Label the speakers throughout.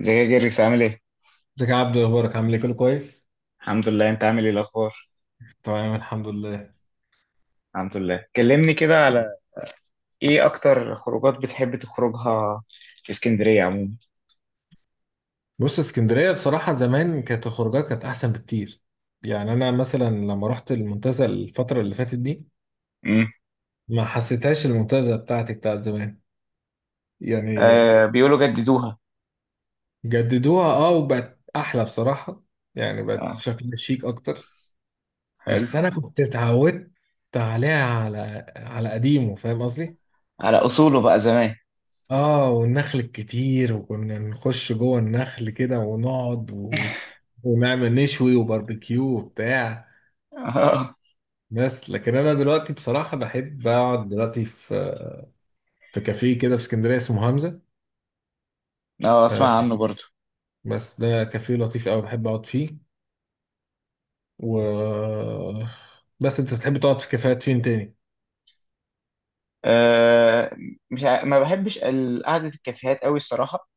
Speaker 1: ازيك يا جيركس عامل ايه؟
Speaker 2: ازيك يا عبدو، اخبارك؟ عامل ايه؟ كله كويس.
Speaker 1: الحمد لله، انت عامل ايه الاخبار؟
Speaker 2: تمام، الحمد لله.
Speaker 1: الحمد لله. كلمني كده على ايه اكتر خروجات بتحب تخرجها في اسكندرية عموما؟
Speaker 2: بص، اسكندريه بصراحه زمان كانت الخروجات كانت احسن بكتير. يعني انا مثلا لما رحت المنتزه الفتره اللي فاتت دي
Speaker 1: امم
Speaker 2: ما حسيتهاش المنتزه بتاعتي بتاعت زمان، يعني.
Speaker 1: آه، بيقولوا جددوها.
Speaker 2: جددوها، اه، وبقت احلى بصراحه. يعني بقت
Speaker 1: اه،
Speaker 2: شكلها شيك اكتر.
Speaker 1: حلو.
Speaker 2: بس انا كنت اتعودت عليها، على قديمه، فاهم قصدي؟
Speaker 1: على اصوله بقى زمان.
Speaker 2: اه، والنخل الكتير، وكنا نخش جوه النخل كده ونقعد ونعمل نشوي وباربيكيو وبتاع.
Speaker 1: اه.
Speaker 2: بس لكن انا دلوقتي بصراحة بحب اقعد دلوقتي في كافيه كده في اسكندرية اسمه همزة.
Speaker 1: اه،
Speaker 2: آه،
Speaker 1: اسمع عنه برضو.
Speaker 2: بس ده كافيه لطيف قوي بحب اقعد فيه. و بس انت بتحب تقعد في كافيهات فين تاني؟
Speaker 1: آه، مش ع... ما بحبش قعدة الكافيهات قوي الصراحة.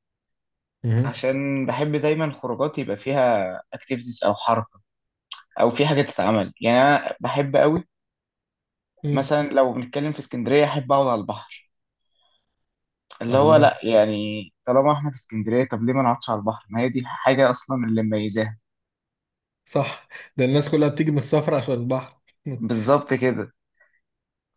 Speaker 2: مهم.
Speaker 1: عشان بحب دايما خروجات يبقى فيها اكتيفيتيز او حركة، او في حاجة تتعمل. يعني انا بحب قوي
Speaker 2: مم.
Speaker 1: مثلا لو بنتكلم في اسكندرية احب اقعد على البحر، اللي هو
Speaker 2: الله،
Speaker 1: لا يعني طالما احنا في اسكندريه، طب ليه ما نقعدش على البحر؟ ما هي دي الحاجه اصلا اللي مميزاها.
Speaker 2: صح. ده الناس كلها بتيجي من السفر عشان البحر.
Speaker 1: بالظبط كده.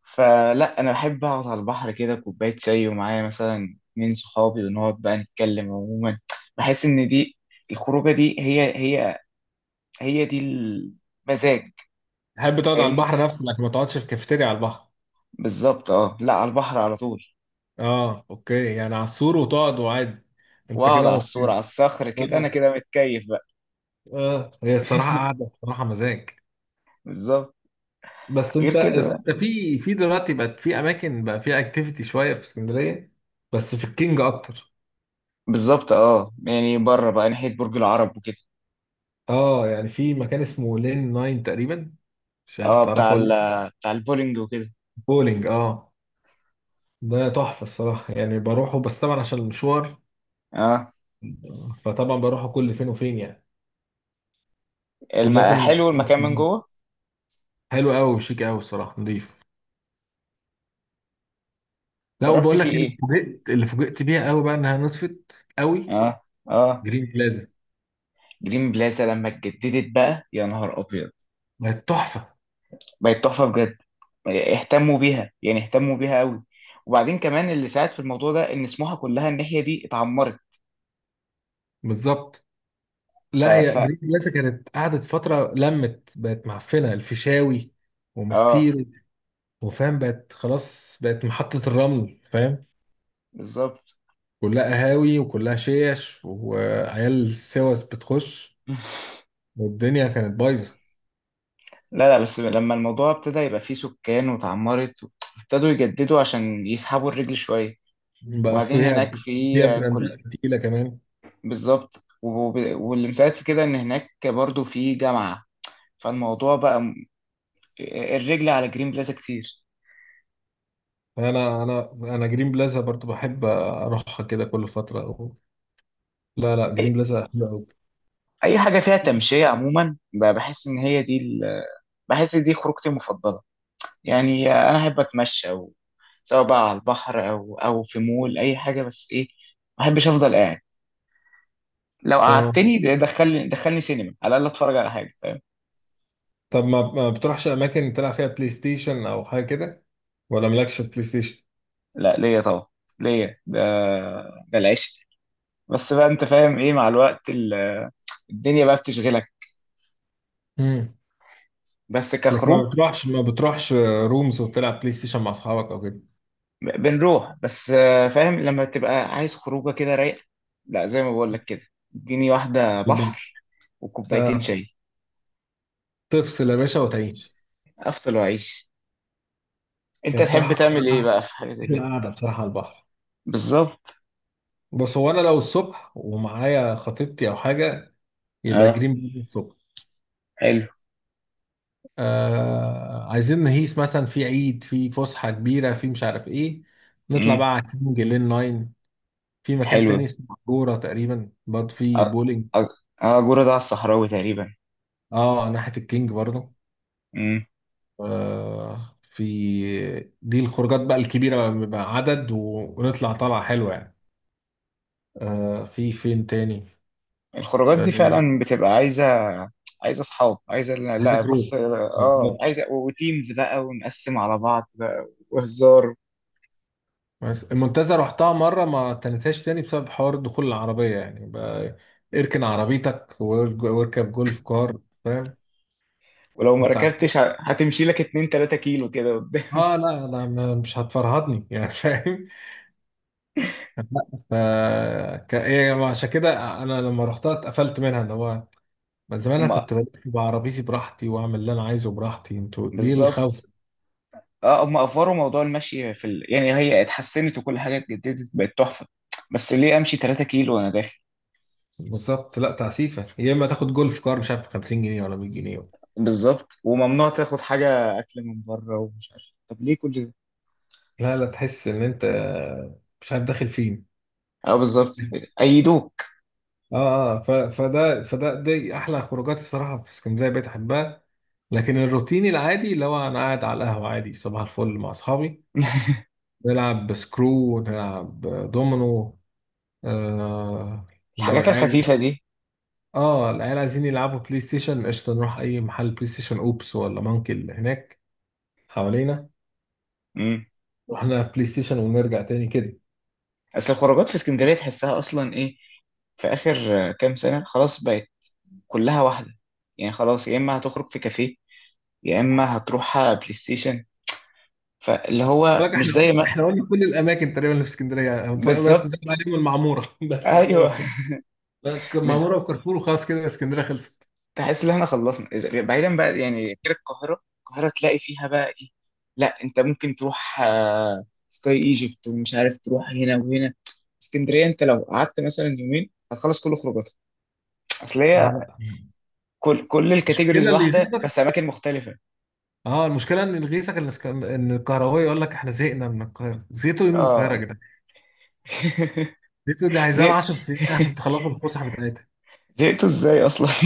Speaker 1: فلا انا بحب اقعد على البحر كده، كوبايه شاي ومعايا مثلا اتنين صحابي، ونقعد بقى نتكلم عموما. بحس ان دي الخروجه دي هي دي المزاج.
Speaker 2: تحب تقعد على
Speaker 1: فاهمني.
Speaker 2: البحر نفسه لكن ما تقعدش في كافيتيريا على البحر.
Speaker 1: بالظبط، اه، لا على البحر على طول.
Speaker 2: اه، اوكي، يعني على السور وتقعد عادي. انت
Speaker 1: واقعد
Speaker 2: كده
Speaker 1: على الصورة على
Speaker 2: مبسوط.
Speaker 1: الصخر كده، انا
Speaker 2: اه.
Speaker 1: كده متكيف بقى.
Speaker 2: اه، هي الصراحه قاعده بصراحه مزاج.
Speaker 1: بالظبط.
Speaker 2: بس
Speaker 1: غير
Speaker 2: انت
Speaker 1: كده
Speaker 2: بس
Speaker 1: بقى.
Speaker 2: انت في دلوقتي بقت في اماكن بقى فيها اكتيفيتي شويه في اسكندريه. بس في الكينج اكتر.
Speaker 1: بالظبط، اه، يعني بره بقى ناحيه برج العرب وكده.
Speaker 2: اه، يعني في مكان اسمه لين ناين تقريبا، مش عارف
Speaker 1: اه، بتاع
Speaker 2: تعرفه ولا
Speaker 1: ال
Speaker 2: لا.
Speaker 1: بتاع البولينج وكده.
Speaker 2: بولينج، اه. ده تحفه الصراحه، يعني بروحه بس طبعا عشان المشوار.
Speaker 1: اه.
Speaker 2: فطبعا بروحه كل فين وفين يعني. ولازم.
Speaker 1: حلو المكان من جوه.
Speaker 2: حلو قوي وشيك قوي الصراحه، نضيف. لا،
Speaker 1: جربت
Speaker 2: وبقول
Speaker 1: فيه
Speaker 2: لك اللي
Speaker 1: ايه؟
Speaker 2: فوجئت، بيها قوي بقى انها نصفت قوي.
Speaker 1: اه. اه.
Speaker 2: جرين بلازا
Speaker 1: جرين بلازا لما اتجددت بقى، يا نهار ابيض!
Speaker 2: بقت تحفه.
Speaker 1: بقت تحفه بجد. اهتموا بيها، يعني اهتموا بيها قوي. وبعدين كمان اللي ساعد في الموضوع ده ان سموحه كلها الناحيه دي اتعمرت.
Speaker 2: بالظبط.
Speaker 1: ف
Speaker 2: لا، هي
Speaker 1: ف
Speaker 2: جرين بلازا كانت قعدت فتره لمت بقت معفنه، الفيشاوي
Speaker 1: اه،
Speaker 2: وماسبيرو، وفاهم بقت خلاص، بقت محطه الرمل، فاهم.
Speaker 1: بالظبط.
Speaker 2: كلها قهاوي وكلها شيش وعيال سوس بتخش، والدنيا كانت بايظه.
Speaker 1: لا، بس لما الموضوع ابتدى يبقى فيه سكان واتعمرت، ابتدوا يجددوا عشان يسحبوا الرجل شويه.
Speaker 2: بقى
Speaker 1: وبعدين
Speaker 2: فيها
Speaker 1: هناك في
Speaker 2: فيها
Speaker 1: كليات.
Speaker 2: براندات تقيله كمان.
Speaker 1: بالظبط، واللي مساعد في كده ان هناك برضو في جامعة. فالموضوع بقى الرجل على جرين بلازا كتير.
Speaker 2: فانا انا انا جرين بلازا برضو بحب اروحها كده كل فتره. لا لا،
Speaker 1: اي،
Speaker 2: جرين بلازا حلو قوي.
Speaker 1: أي حاجة فيها تمشية عموما، بحس ان هي دي بحس دي خروجتي المفضلة. يعني انا احب اتمشى، او سواء بقى على البحر او او في مول، اي حاجة، بس ايه، ما بحبش افضل قاعد. لو
Speaker 2: فاهم.
Speaker 1: قعدتني ده، دخلني سينما على الاقل اتفرج على حاجة. فاهم؟
Speaker 2: طب، ما بتروحش اماكن تلعب فيها بلاي ستيشن او حاجه كده؟ ولا مالكش بلاي ستيشن؟
Speaker 1: لا ليا طبعا. ليا ده، ده العشق. بس بقى انت فاهم ايه، مع الوقت الدنيا بقى بتشغلك.
Speaker 2: امم
Speaker 1: بس
Speaker 2: لكن ما
Speaker 1: كخروج،
Speaker 2: بتروحش ما بتروحش رومز وتلعب بلاي ستيشن مع اصحابك او كده؟
Speaker 1: بنروح. بس فاهم لما تبقى عايز خروجه كده رايقه، لا زي ما بقول لك كده، اديني واحده
Speaker 2: يبقى-
Speaker 1: بحر وكوبايتين
Speaker 2: آه.
Speaker 1: شاي.
Speaker 2: تفصل يا باشا وتعيش.
Speaker 1: افصل واعيش.
Speaker 2: هي
Speaker 1: انت تحب
Speaker 2: بصراحه احلى،
Speaker 1: تعمل ايه بقى في حاجه زي
Speaker 2: احلى
Speaker 1: كده؟
Speaker 2: قعده بصراحه على البحر.
Speaker 1: بالظبط.
Speaker 2: بس هو انا لو الصبح ومعايا خطيبتي او حاجه، يبقى
Speaker 1: اه،
Speaker 2: جرين بلازا الصبح.
Speaker 1: حلو.
Speaker 2: آه، عايزين نهيس مثلا في عيد، في فسحه كبيره، في مش عارف ايه، نطلع
Speaker 1: امم.
Speaker 2: بقى على كينج لين 9. في مكان
Speaker 1: حلو.
Speaker 2: تاني اسمه كورة تقريبا، برضه في
Speaker 1: اه.
Speaker 2: بولينج.
Speaker 1: اه. جورة ده على الصحراوي تقريبا.
Speaker 2: اه، ناحية الكينج برضه.
Speaker 1: امم.
Speaker 2: آه في دي الخروجات بقى الكبيرة بقى، بيبقى عدد ونطلع طلعة حلوة يعني. في فين تاني؟
Speaker 1: الخروجات دي
Speaker 2: آه
Speaker 1: فعلا بتبقى عايزه، عايزه اصحاب، عايزه، لا
Speaker 2: هذا
Speaker 1: لا، بص،
Speaker 2: جروب.
Speaker 1: اه،
Speaker 2: بالظبط.
Speaker 1: عايزه، وتيمز بقى، ونقسم على بعض بقى وهزار.
Speaker 2: بس المنتزه رحتها مرة ما تنساش تاني بسبب حوار دخول العربية يعني بقى. اركن عربيتك واركب جولف كار، فاهم؟
Speaker 1: ولو ما
Speaker 2: وتع-
Speaker 1: ركبتش هتمشي لك 2 3 كيلو كده قدام.
Speaker 2: اه، لا لا، مش هتفرهدني يعني. فاهم؟ ف ك- إيه، عشان كده انا لما رحتها اتقفلت منها ان هو من زمان انا
Speaker 1: هم.
Speaker 2: كنت بلف بعربيتي براحتي واعمل اللي انا عايزه براحتي، انتوا ليه الخوت؟
Speaker 1: بالظبط، اه، هم افوروا موضوع المشي في يعني هي اتحسنت وكل حاجه اتجددت بقت تحفه، بس ليه امشي 3 كيلو وانا داخل؟
Speaker 2: بالظبط، لا، تعسيفه، يا اما تاخد جولف كار مش عارف ب 50 جنيه ولا 100 جنيه.
Speaker 1: بالظبط. وممنوع تاخد حاجه اكل من بره، ومش عارف، طب ليه كل ده؟
Speaker 2: لا لا، تحس ان انت مش عارف داخل فين.
Speaker 1: اه، بالظبط. ايدوك.
Speaker 2: اه. اه، فده دي احلى خروجات الصراحه في اسكندريه بقيت احبها. لكن الروتيني العادي اللي هو انا قاعد على القهوه عادي صباح الفل مع اصحابي، نلعب سكرو، نلعب دومينو. آه لو
Speaker 1: الحاجات
Speaker 2: العيال
Speaker 1: الخفيفه دي.
Speaker 2: اه، العيال عايزين يلعبوا بلاي ستيشن، قشطة، نروح أي محل بلاي ستيشن، أوبس ولا مانكي، اللي هناك حوالينا.
Speaker 1: امم.
Speaker 2: رحنا بلاي ستيشن ونرجع تاني كده.
Speaker 1: اصل الخروجات في اسكندريه تحسها اصلا ايه، في اخر كام سنه، خلاص بقت كلها واحده. يعني خلاص، يا اما هتخرج في كافيه، يا اما هتروح بلاي ستيشن. فاللي هو
Speaker 2: بقولك،
Speaker 1: مش
Speaker 2: احنا
Speaker 1: زي ما،
Speaker 2: احنا قلنا كل الأماكن تقريبا اللي في اسكندرية، بس
Speaker 1: بالظبط.
Speaker 2: زاد عليهم المعمورة. بس
Speaker 1: ايوه.
Speaker 2: فوق
Speaker 1: مش
Speaker 2: المعمورة وكارفور، وخلاص كده اسكندرية خلصت.
Speaker 1: تحس ان احنا خلصنا؟ بعيدا بقى يعني غير القاهره، القاهره تلاقي فيها بقى ايه، لا انت ممكن تروح سكاي ايجيبت ومش عارف تروح هنا وهنا. اسكندريه انت لو قعدت مثلا يومين هتخلص كل خروجاتك. اصل
Speaker 2: ما
Speaker 1: هي
Speaker 2: هو-
Speaker 1: كل الكاتيجوريز
Speaker 2: المشكلة اللي
Speaker 1: واحده،
Speaker 2: يغيظك،
Speaker 1: بس اماكن مختلفه.
Speaker 2: اه المشكلة ان اللي يغيظك ان اسك- ان الكهربائي يقول لك احنا زهقنا من القاهرة. زهقتوا إيه من القاهرة يا
Speaker 1: اه.
Speaker 2: جدعان؟ زهقتوا دي عايزة لها
Speaker 1: زهقت،
Speaker 2: 10 سنين عشان تخلصوا الفسحة بتاعتها.
Speaker 1: زهقتوا ازاي اصلا؟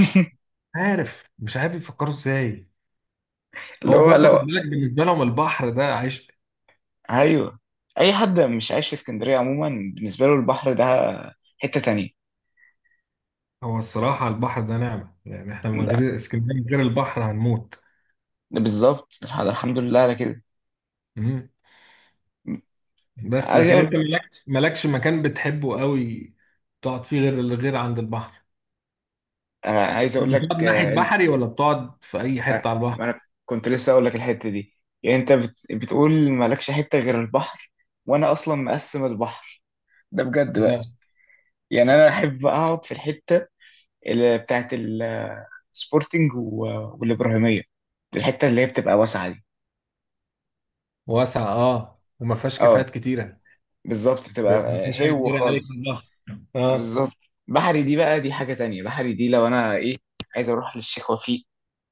Speaker 2: عارف، مش عارف يفكروا ازاي.
Speaker 1: اللي
Speaker 2: هو
Speaker 1: هو
Speaker 2: برضه
Speaker 1: لو،
Speaker 2: خد بالك، بالنسبه لهم البحر ده عيش.
Speaker 1: ايوه. اي حد مش عايش في اسكندريه عموما، بالنسبه له البحر ده حته تانية.
Speaker 2: هو الصراحه البحر ده نعمه، يعني احنا من غير اسكندريه، من غير البحر هنموت.
Speaker 1: بالظبط، الحمد لله على كده.
Speaker 2: مم. بس
Speaker 1: عايز
Speaker 2: لكن
Speaker 1: اقول،
Speaker 2: انت مالكش مكان بتحبه قوي تقعد فيه غير عند البحر؟
Speaker 1: عايز اقول
Speaker 2: بتقعد
Speaker 1: لك،
Speaker 2: ناحيه
Speaker 1: انت،
Speaker 2: بحري ولا بتقعد في اي
Speaker 1: آه،
Speaker 2: حته على البحر؟
Speaker 1: ما انا كنت لسه اقول لك الحته دي. يعني انت بتقول مالكش حته غير البحر، وانا اصلا مقسم البحر ده بجد بقى.
Speaker 2: أنا.
Speaker 1: يعني انا احب اقعد في الحته اللي بتاعت السبورتنج والابراهيميه، الحته اللي هي بتبقى واسعه دي.
Speaker 2: واسع، اه، وما فيهاش
Speaker 1: اه،
Speaker 2: كافيهات كتيره.
Speaker 1: بالظبط، بتبقى
Speaker 2: ما فيهاش حاجه
Speaker 1: هو
Speaker 2: كتيره عليك في
Speaker 1: خالص.
Speaker 2: البحر. اه.
Speaker 1: بالظبط. بحري دي بقى دي حاجه تانية. بحري دي لو انا ايه، عايز اروح للشيخ وفيق،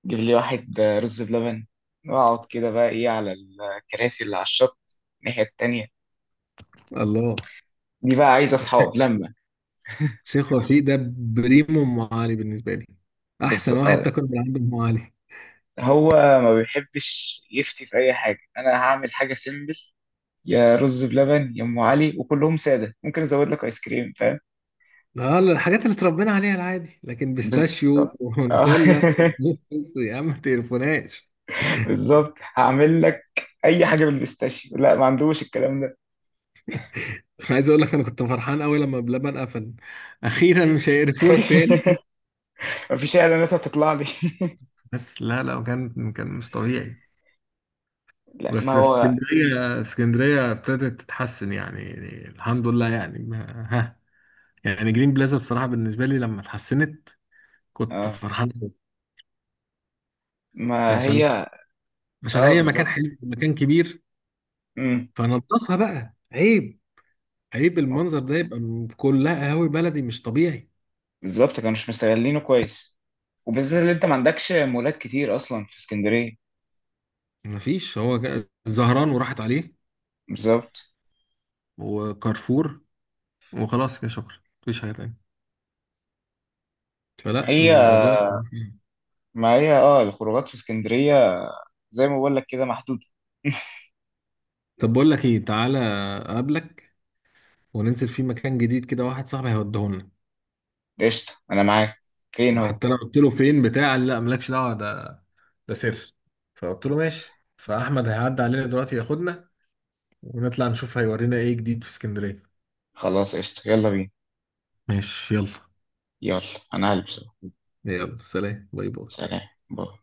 Speaker 1: جيب لي واحد رز بلبن، واقعد كده بقى ايه على الكراسي اللي على الشط الناحية التانية.
Speaker 2: الله،
Speaker 1: دي بقى عايز اصحاب لما،
Speaker 2: شيخ وفيق ده بريمو ام علي بالنسبه لي. احسن
Speaker 1: بالظبط.
Speaker 2: واحد تاكل من عنده ام علي.
Speaker 1: هو ما بيحبش يفتي في اي حاجة. انا هعمل حاجة سيمبل، يا رز بلبن يا ام علي، وكلهم سادة، ممكن ازود لك ايس كريم. فاهم؟
Speaker 2: اه، الحاجات اللي اتربينا عليها العادي، لكن بيستاشيو
Speaker 1: آه. آه.
Speaker 2: ونوتيلا؟ بص يا عم ما تقرفوناش.
Speaker 1: بالظبط، هعمل لك اي حاجة بالبيستاشيو، لا ما عندوش الكلام ده.
Speaker 2: عايز اقول لك، انا كنت فرحان قوي لما بلبن قفل. اخيرا مش هيقرفونا تاني.
Speaker 1: مفيش اعلانات هتطلع لي.
Speaker 2: بس لا لا، كان مش طبيعي.
Speaker 1: لا، ما
Speaker 2: بس
Speaker 1: هو
Speaker 2: اسكندريه، ابتدت تتحسن يعني، الحمد لله يعني ما- ها يعني جرين بلازا بصراحه بالنسبه لي لما اتحسنت كنت
Speaker 1: اه،
Speaker 2: فرحان قوي.
Speaker 1: ما
Speaker 2: عشان
Speaker 1: هي
Speaker 2: عشان
Speaker 1: اه.
Speaker 2: هي مكان
Speaker 1: بالظبط.
Speaker 2: حلو ومكان كبير.
Speaker 1: امم.
Speaker 2: فنضفها بقى عيب. عيب المنظر ده يبقى، كلها قهاوي بلدي، مش طبيعي.
Speaker 1: بالظبط، كانوا مش مستغلينه كويس، وبالذات اللي انت ما عندكش مولات كتير اصلا في اسكندريه.
Speaker 2: مفيش، هو الزهران وراحت عليه
Speaker 1: بالظبط.
Speaker 2: وكارفور، وخلاص كده شكرا. مفيش حاجة تانية، فلا
Speaker 1: هي،
Speaker 2: الموضوع.
Speaker 1: ما هي اه، الخروجات في اسكندريه زي ما بقول لك كده محدوده.
Speaker 2: طب بقول لك ايه، تعالى اقابلك وننزل في مكان جديد كده، واحد صاحبي هيوديهولنا.
Speaker 1: قشطه انا معاك، فين هو؟
Speaker 2: حتى انا قلت له فين بتاع، قال لا مالكش دعوة، ده سر. فقلت له ماشي، فاحمد هيعدي علينا دلوقتي ياخدنا ونطلع نشوف هيورينا ايه جديد في اسكندرية.
Speaker 1: خلاص قشطه، يلا بينا.
Speaker 2: ماشي، يلا.
Speaker 1: يلا. انا هلبس أهو.
Speaker 2: يلا سلام، باي باي.
Speaker 1: سلام باي.